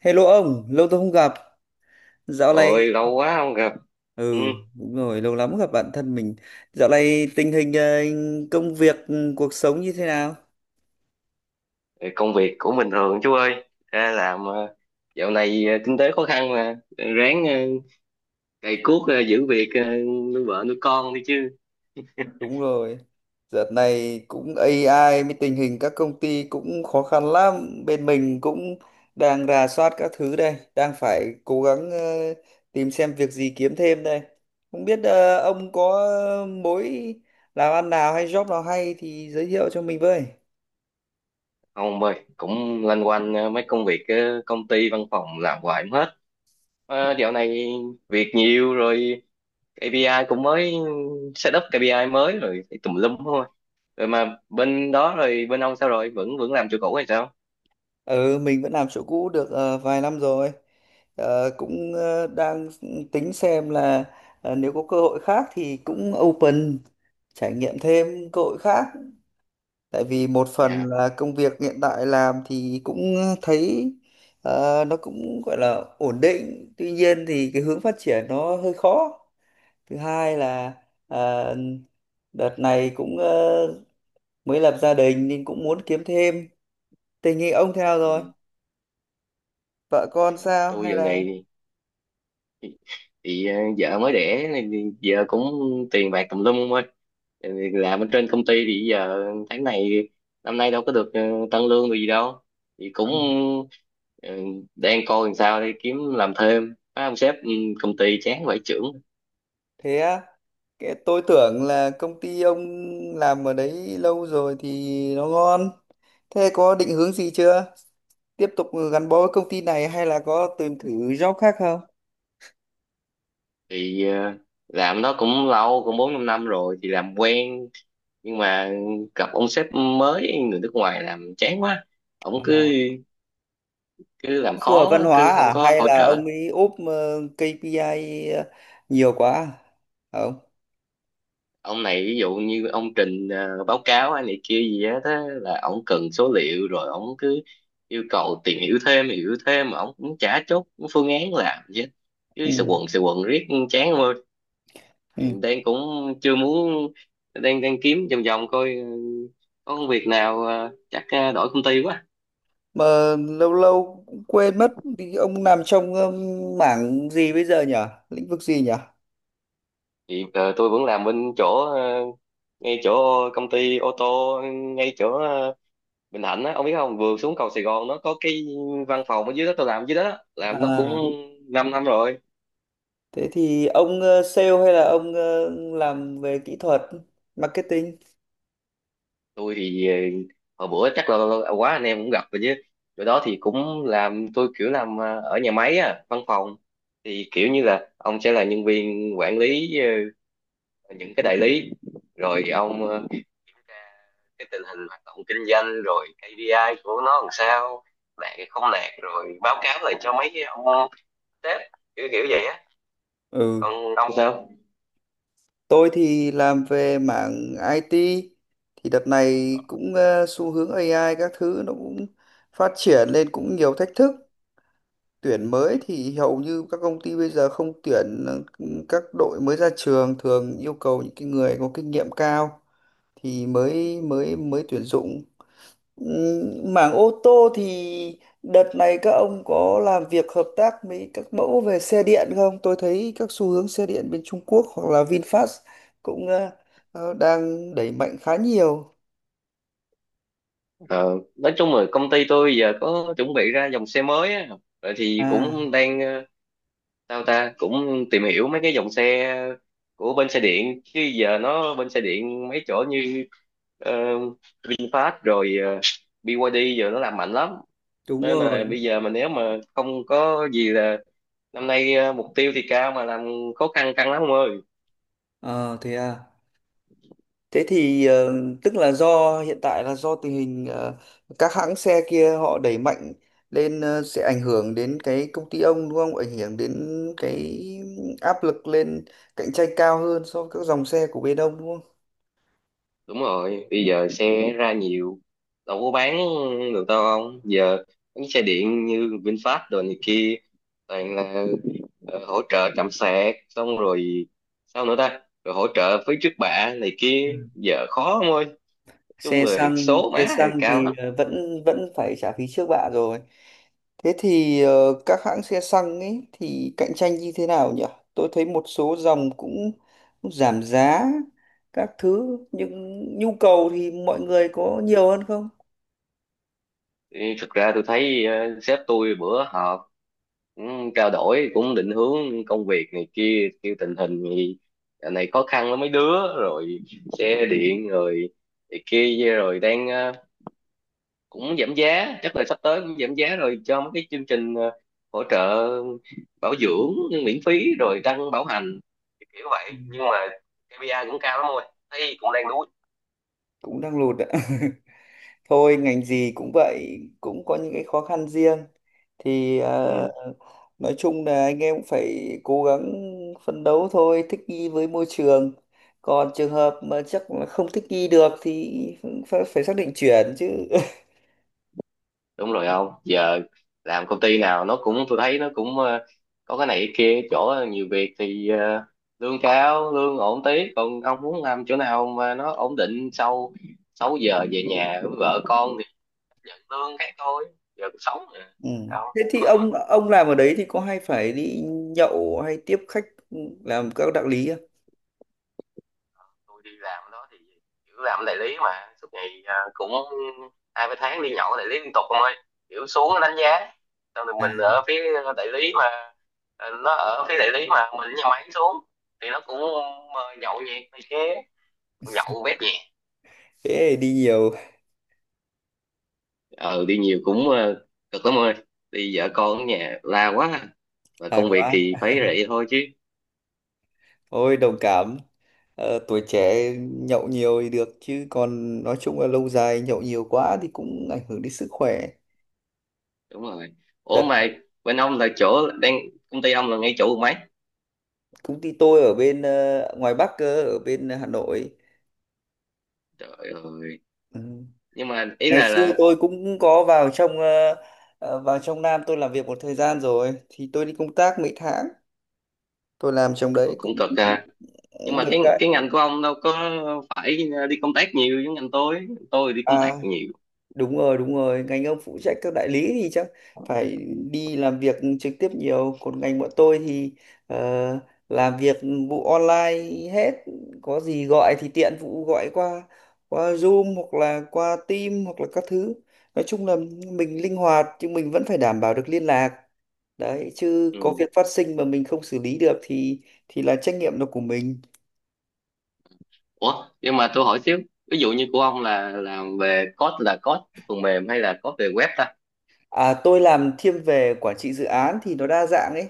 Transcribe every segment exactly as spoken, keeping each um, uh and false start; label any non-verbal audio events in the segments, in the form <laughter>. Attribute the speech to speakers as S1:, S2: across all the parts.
S1: Hello ông, lâu tôi không gặp. Dạo này,
S2: Ôi lâu quá không gặp. Ừ,
S1: ừ, đúng rồi, lâu lắm gặp bạn thân mình. Dạo này tình hình ờ, công việc, cuộc sống như thế nào?
S2: công việc cũng bình thường chú ơi. Ra làm, ờ, dạo này ờ, kinh tế khó khăn mà ráng, ờ, cày cuốc, ờ, giữ việc, ờ, nuôi vợ nuôi con đi chứ.
S1: Đúng rồi. Dạo này cũng A I mới tình hình các công ty cũng khó khăn lắm. Bên mình cũng đang rà soát các thứ đây, đang phải cố gắng ờ, tìm xem việc gì kiếm thêm đây. Không biết ờ, ông có mối làm ăn nào hay job nào hay thì giới thiệu cho mình với.
S2: Không ơi, cũng loanh quanh ờ, mấy công việc, ờ, công ty văn phòng làm hoài không hết. Ờ, dạo này việc nhiều rồi, ca pê i cũng mới, set up kê pi ai mới rồi phải tùm lum thôi. Rồi mà bên đó, rồi bên ông sao rồi? Vẫn vẫn làm chỗ cũ hay sao?
S1: Ừ, mình vẫn làm chỗ cũ được ờ, vài năm rồi. Ờ, cũng ờ, đang tính xem là ờ, nếu có cơ hội khác thì cũng open trải nghiệm thêm cơ hội khác. Tại vì một phần
S2: Dạ.
S1: là công việc hiện tại làm thì cũng thấy ờ, nó cũng gọi là ổn định. Tuy nhiên thì cái hướng phát triển nó hơi khó. Thứ hai là ờ, đợt này cũng ờ, mới lập gia đình nên cũng muốn kiếm thêm. Tình hình ông thế nào rồi?
S2: Ừ.
S1: Vợ
S2: ờ,
S1: con sao
S2: Tôi
S1: hay
S2: dạo
S1: là
S2: này thì ờ, vợ mới đẻ nên giờ cũng tiền bạc tùm lum không ơi. Ừ, làm ở trên công ty thì giờ tháng này, năm nay đâu có được ờ, tăng lương được gì đâu, thì cũng
S1: ừ,
S2: ờ, đang coi làm sao để kiếm làm thêm. Má ông sếp, ừ, công ty chán vải chưởng.
S1: thế á, cái tôi tưởng là công ty ông làm ở đấy lâu rồi thì nó ngon, thế có định hướng gì chưa, tiếp tục gắn bó với công ty này hay là có tìm thử job khác không?
S2: Thì ờ, làm nó cũng lâu, cũng bốn năm năm rồi thì làm quen, nhưng mà gặp ông sếp mới người nước ngoài làm chán quá. Ổng
S1: Ờ,
S2: cứ, cứ
S1: ông
S2: làm
S1: phù hợp
S2: khó,
S1: văn hóa
S2: cứ không
S1: à
S2: có
S1: hay
S2: hỗ
S1: là
S2: trợ.
S1: ông ấy ốp ờ, K P I ờ, nhiều quá à? Không
S2: Ông này ví dụ như ông trình, ờ, báo cáo hay này kia gì á, thế là ông cần số liệu, rồi ông cứ yêu cầu tìm hiểu thêm, hiểu thêm, mà ông cũng chả chốt phương án làm, chứ cứ sự
S1: ừ.
S2: quần sự quần riết chán ông ơi. Thì
S1: Ừ.
S2: đang cũng chưa muốn, đang đang kiếm vòng vòng coi, ờ, có công việc nào, ờ, chắc ờ, đổi công ty quá.
S1: Mà lâu lâu cũng quên mất, thì ông làm trong ờ, mảng gì bây giờ nhỉ, lĩnh vực gì nhỉ?
S2: Thì ờ, tôi vẫn làm bên chỗ, ờ, ngay chỗ công ty ô tô, ngay chỗ ờ, Bình Thạnh á, ông biết không, vừa xuống cầu Sài Gòn nó có cái văn phòng ở dưới đó, tôi làm dưới đó,
S1: À,
S2: làm nó cũng
S1: à.
S2: 5 năm rồi.
S1: Thế thì ông ờ, sale hay là ông ờ, làm về kỹ thuật, marketing?
S2: Tôi thì ờ, hồi bữa chắc là quá anh em cũng gặp rồi chứ, chỗ đó thì cũng làm tôi kiểu, làm ờ, ở nhà máy á, văn phòng thì kiểu như là ông sẽ là nhân viên quản lý ờ, những cái đại lý, rồi ông ờ, kiểm tra cái tình hình hoạt động kinh doanh, rồi kê pi ai của nó làm sao, đạt hay không đạt, rồi báo cáo lại cho mấy cái ông sếp, kiểu kiểu vậy á.
S1: Ừ,
S2: Còn ông sao?
S1: tôi thì làm về mảng I T. Thì đợt này cũng ờ, xu hướng A I các thứ nó cũng phát triển lên cũng nhiều thách thức. Tuyển mới thì hầu như các công ty bây giờ không tuyển ờ, các đội mới ra trường, thường yêu cầu những cái người có kinh nghiệm cao thì mới mới mới tuyển dụng. Ừ, mảng ô tô thì đợt này các ông có làm việc hợp tác với các mẫu về xe điện không? Tôi thấy các xu hướng xe điện bên Trung Quốc hoặc là VinFast cũng ờ, ờ, đang đẩy mạnh khá nhiều.
S2: Ờ, nói chung là công ty tôi giờ có chuẩn bị ra dòng xe mới á, vậy thì
S1: À,
S2: cũng đang ờ, sao ta, cũng tìm hiểu mấy cái dòng xe của bên xe điện, chứ giờ nó bên xe điện mấy chỗ như ờ, VinFast, rồi ờ, bê i dài đê giờ nó làm mạnh lắm.
S1: đúng
S2: Nên là
S1: rồi.
S2: bây giờ mà nếu mà không có gì, là năm nay ờ, mục tiêu thì cao mà làm khó khăn căng lắm ông ơi.
S1: Ờ, thế à. Thế thì ờ, tức là do hiện tại là do tình hình ờ, các hãng xe kia họ đẩy mạnh lên, ờ, sẽ ảnh hưởng đến cái công ty ông đúng không? Ảnh hưởng đến cái áp lực lên, cạnh tranh cao hơn so với các dòng xe của bên ông đúng
S2: Đúng rồi, bây giờ xe ra nhiều đâu có bán được đâu ông, giờ mấy xe điện như VinFast đồ này kia toàn là ờ, hỗ trợ trạm sạc, xong rồi sao nữa ta, rồi hỗ trợ phí trước bạ này kia,
S1: không?
S2: giờ khó ông ơi, chung
S1: Xe
S2: là
S1: xăng,
S2: số
S1: xe
S2: má thì
S1: xăng
S2: cao
S1: thì
S2: lắm.
S1: ờ, vẫn vẫn phải trả phí trước bạ rồi. Thế thì ờ, các hãng xe xăng ấy thì cạnh tranh như thế nào nhỉ, tôi thấy một số dòng cũng giảm giá các thứ nhưng nhu cầu thì mọi người có nhiều hơn không?
S2: Ê, thực ra tôi thấy ờ, sếp tôi bữa họp cũng trao đổi, cũng định hướng công việc này kia, kêu tình hình thì dạo này khó khăn lắm mấy đứa, rồi xe điện, rồi này kia, rồi đang ờ, cũng giảm giá, chắc là sắp tới cũng giảm giá rồi, cho mấy cái chương trình ờ, hỗ trợ bảo dưỡng miễn phí, rồi đăng bảo hành kiểu
S1: Ừ,
S2: vậy, nhưng mà kê pi ai cũng cao lắm rồi, thấy cũng đang đuối.
S1: cũng đang lụt ạ <laughs> thôi ngành gì cũng vậy, cũng có những cái khó khăn riêng, thì ờ,
S2: Ừ.
S1: nói chung là anh em cũng phải cố gắng phấn đấu thôi, thích nghi với môi trường, còn trường hợp mà chắc là không thích nghi được thì phải, phải xác định chuyển chứ <laughs>
S2: Đúng rồi, không, giờ làm công ty nào nó cũng, tôi thấy nó cũng ờ, có cái này cái kia, chỗ nhiều việc thì ờ, lương cao, lương ổn tí, còn ông muốn làm chỗ nào mà nó ổn định, sau sáu giờ về nhà với vợ con thì nhận lương cái thôi, giờ cũng sống mà.
S1: ừ.
S2: Đâu.
S1: Thế thì ông ông làm ở đấy thì có hay phải đi nhậu hay tiếp khách, làm các đạo lý không?
S2: Tôi đi làm đó thì kiểu làm đại lý mà suốt ngày à, cũng hai ba tháng đi nhậu đại lý liên tục không ơi, kiểu xuống đánh giá xong rồi
S1: À,
S2: mình ở phía đại lý mà, à, nó ở phía đại lý mà mình ở nhà máy xuống thì nó cũng, à, nhậu nhẹt này kia, nhậu bét nhẹ.
S1: thế thì đi nhiều.
S2: ờ Đi nhiều cũng ờ, cực lắm ơi, đi vợ con ở nhà la quá, và
S1: <laughs> là
S2: công việc
S1: quá.
S2: thì phải vậy thôi chứ.
S1: Ôi đồng cảm. Ờ, tuổi trẻ nhậu nhiều thì được chứ còn nói chung là lâu dài nhậu nhiều quá thì cũng ảnh hưởng đến sức khỏe.
S2: Đúng rồi. Ủa
S1: Đợt
S2: mà bên ông là chỗ đang, công ty ông là ngay chỗ mấy,
S1: công ty tôi ở bên ờ, ngoài Bắc cơ, ở bên Hà Nội.
S2: trời ơi,
S1: Ừ.
S2: nhưng mà ý
S1: Ngày
S2: là
S1: xưa
S2: là
S1: tôi cũng có vào trong ờ, ờ, vào trong Nam tôi làm việc một thời gian rồi thì tôi đi công tác mấy tháng. Tôi làm trong
S2: Ồ,
S1: đấy cũng
S2: cũng cực à. Nhưng mà
S1: được
S2: cái
S1: cái,
S2: cái ngành của ông đâu có phải ờ, đi công tác nhiều giống ngành tôi. Tôi đi công tác
S1: à,
S2: nhiều.
S1: đúng rồi, đúng rồi, ngành ông phụ trách các đại lý thì chắc phải đi làm việc trực tiếp nhiều, còn ngành bọn tôi thì ờ, làm việc vụ online hết, có gì gọi thì tiện vụ gọi qua, qua Zoom hoặc là qua Team hoặc là các thứ. Nói chung là mình linh hoạt nhưng mình vẫn phải đảm bảo được liên lạc đấy chứ, có
S2: Ừ.
S1: việc phát sinh mà mình không xử lý được thì thì là trách nhiệm là của mình.
S2: Ủa, nhưng mà tôi hỏi xíu, ví dụ như của ông là làm về code, là code phần mềm hay là code về web ta?
S1: À, tôi làm thiên về quản trị dự án thì nó đa dạng ấy.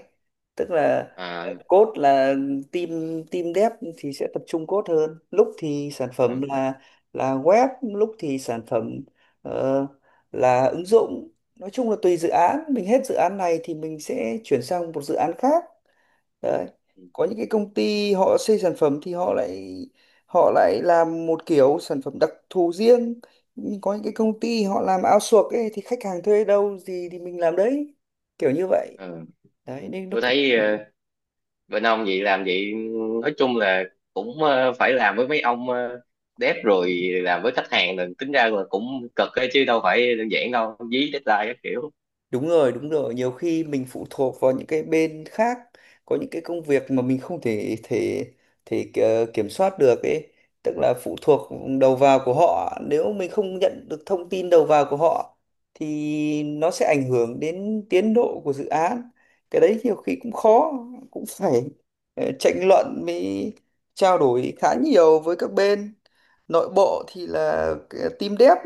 S1: Tức là ờ,
S2: À,
S1: code là team team dev thì sẽ tập trung code hơn. Lúc thì sản
S2: ừ,
S1: phẩm là là web, lúc thì sản phẩm ờ, là ứng dụng. Nói chung là tùy dự án, mình hết dự án này thì mình sẽ chuyển sang một dự án khác. Đấy. Có những cái công ty họ xây sản phẩm thì họ lại họ lại làm một kiểu sản phẩm đặc thù riêng. Nhưng có những cái công ty họ làm outsource ấy thì khách hàng thuê đâu gì thì mình làm đấy. Kiểu như vậy.
S2: ừ.
S1: Đấy nên nó
S2: Tôi
S1: cũng.
S2: thấy ờ, bên ông vậy làm vậy, nói chung là cũng ờ, phải làm với mấy ông ờ, dev, rồi làm với khách hàng, là tính ra là cũng cực ấy, chứ đâu phải đơn giản đâu, dí deadline các kiểu.
S1: Đúng rồi, đúng rồi. Nhiều khi mình phụ thuộc vào những cái bên khác, có những cái công việc mà mình không thể thể thể ki- kiểm soát được ấy, tức là phụ thuộc đầu vào của họ. Nếu mình không nhận được thông tin đầu vào của họ thì nó sẽ ảnh hưởng đến tiến độ của dự án. Cái đấy nhiều khi cũng khó, cũng phải ờ, tranh luận mới, trao đổi khá nhiều với các bên. Nội bộ thì là cái team dev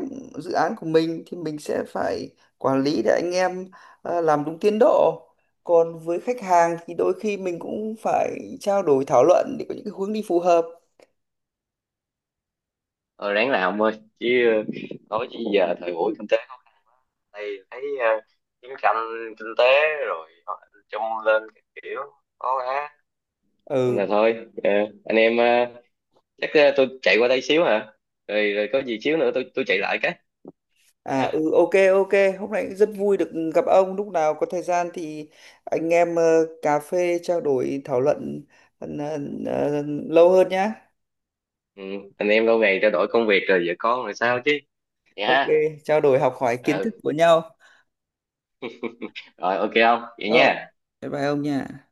S1: dự án của mình thì mình sẽ phải quản lý để anh em ờ, làm đúng tiến độ, còn với khách hàng thì đôi khi mình cũng phải trao đổi thảo luận để có những cái hướng đi phù hợp.
S2: Ờ, ráng làm thôi chứ, ờ, nói chứ giờ thời buổi kinh tế khó khăn đây, thấy ờ, chiến tranh kinh tế, rồi họ chung lên các kiểu khó quá. Nên là
S1: Ừ.
S2: thôi ờ, anh em, ờ, chắc ờ, tôi chạy qua đây xíu hả, rồi, rồi có gì xíu nữa tôi tôi chạy lại cái.
S1: À,
S2: Hả?
S1: ừ, ok, ok, hôm nay cũng rất vui được gặp ông, lúc nào có thời gian thì anh em ờ, cà phê trao đổi thảo luận ờ, ờ, ờ, lâu hơn nhá.
S2: Ừ, anh em lâu ngày trao đổi công việc, rồi vợ con, rồi sao chứ, vậy
S1: Ok,
S2: ha.
S1: trao đổi học hỏi kiến thức
S2: Ừ
S1: của nhau.
S2: rồi, ok không vậy
S1: Ờ,
S2: nha.
S1: bye bye ông nha.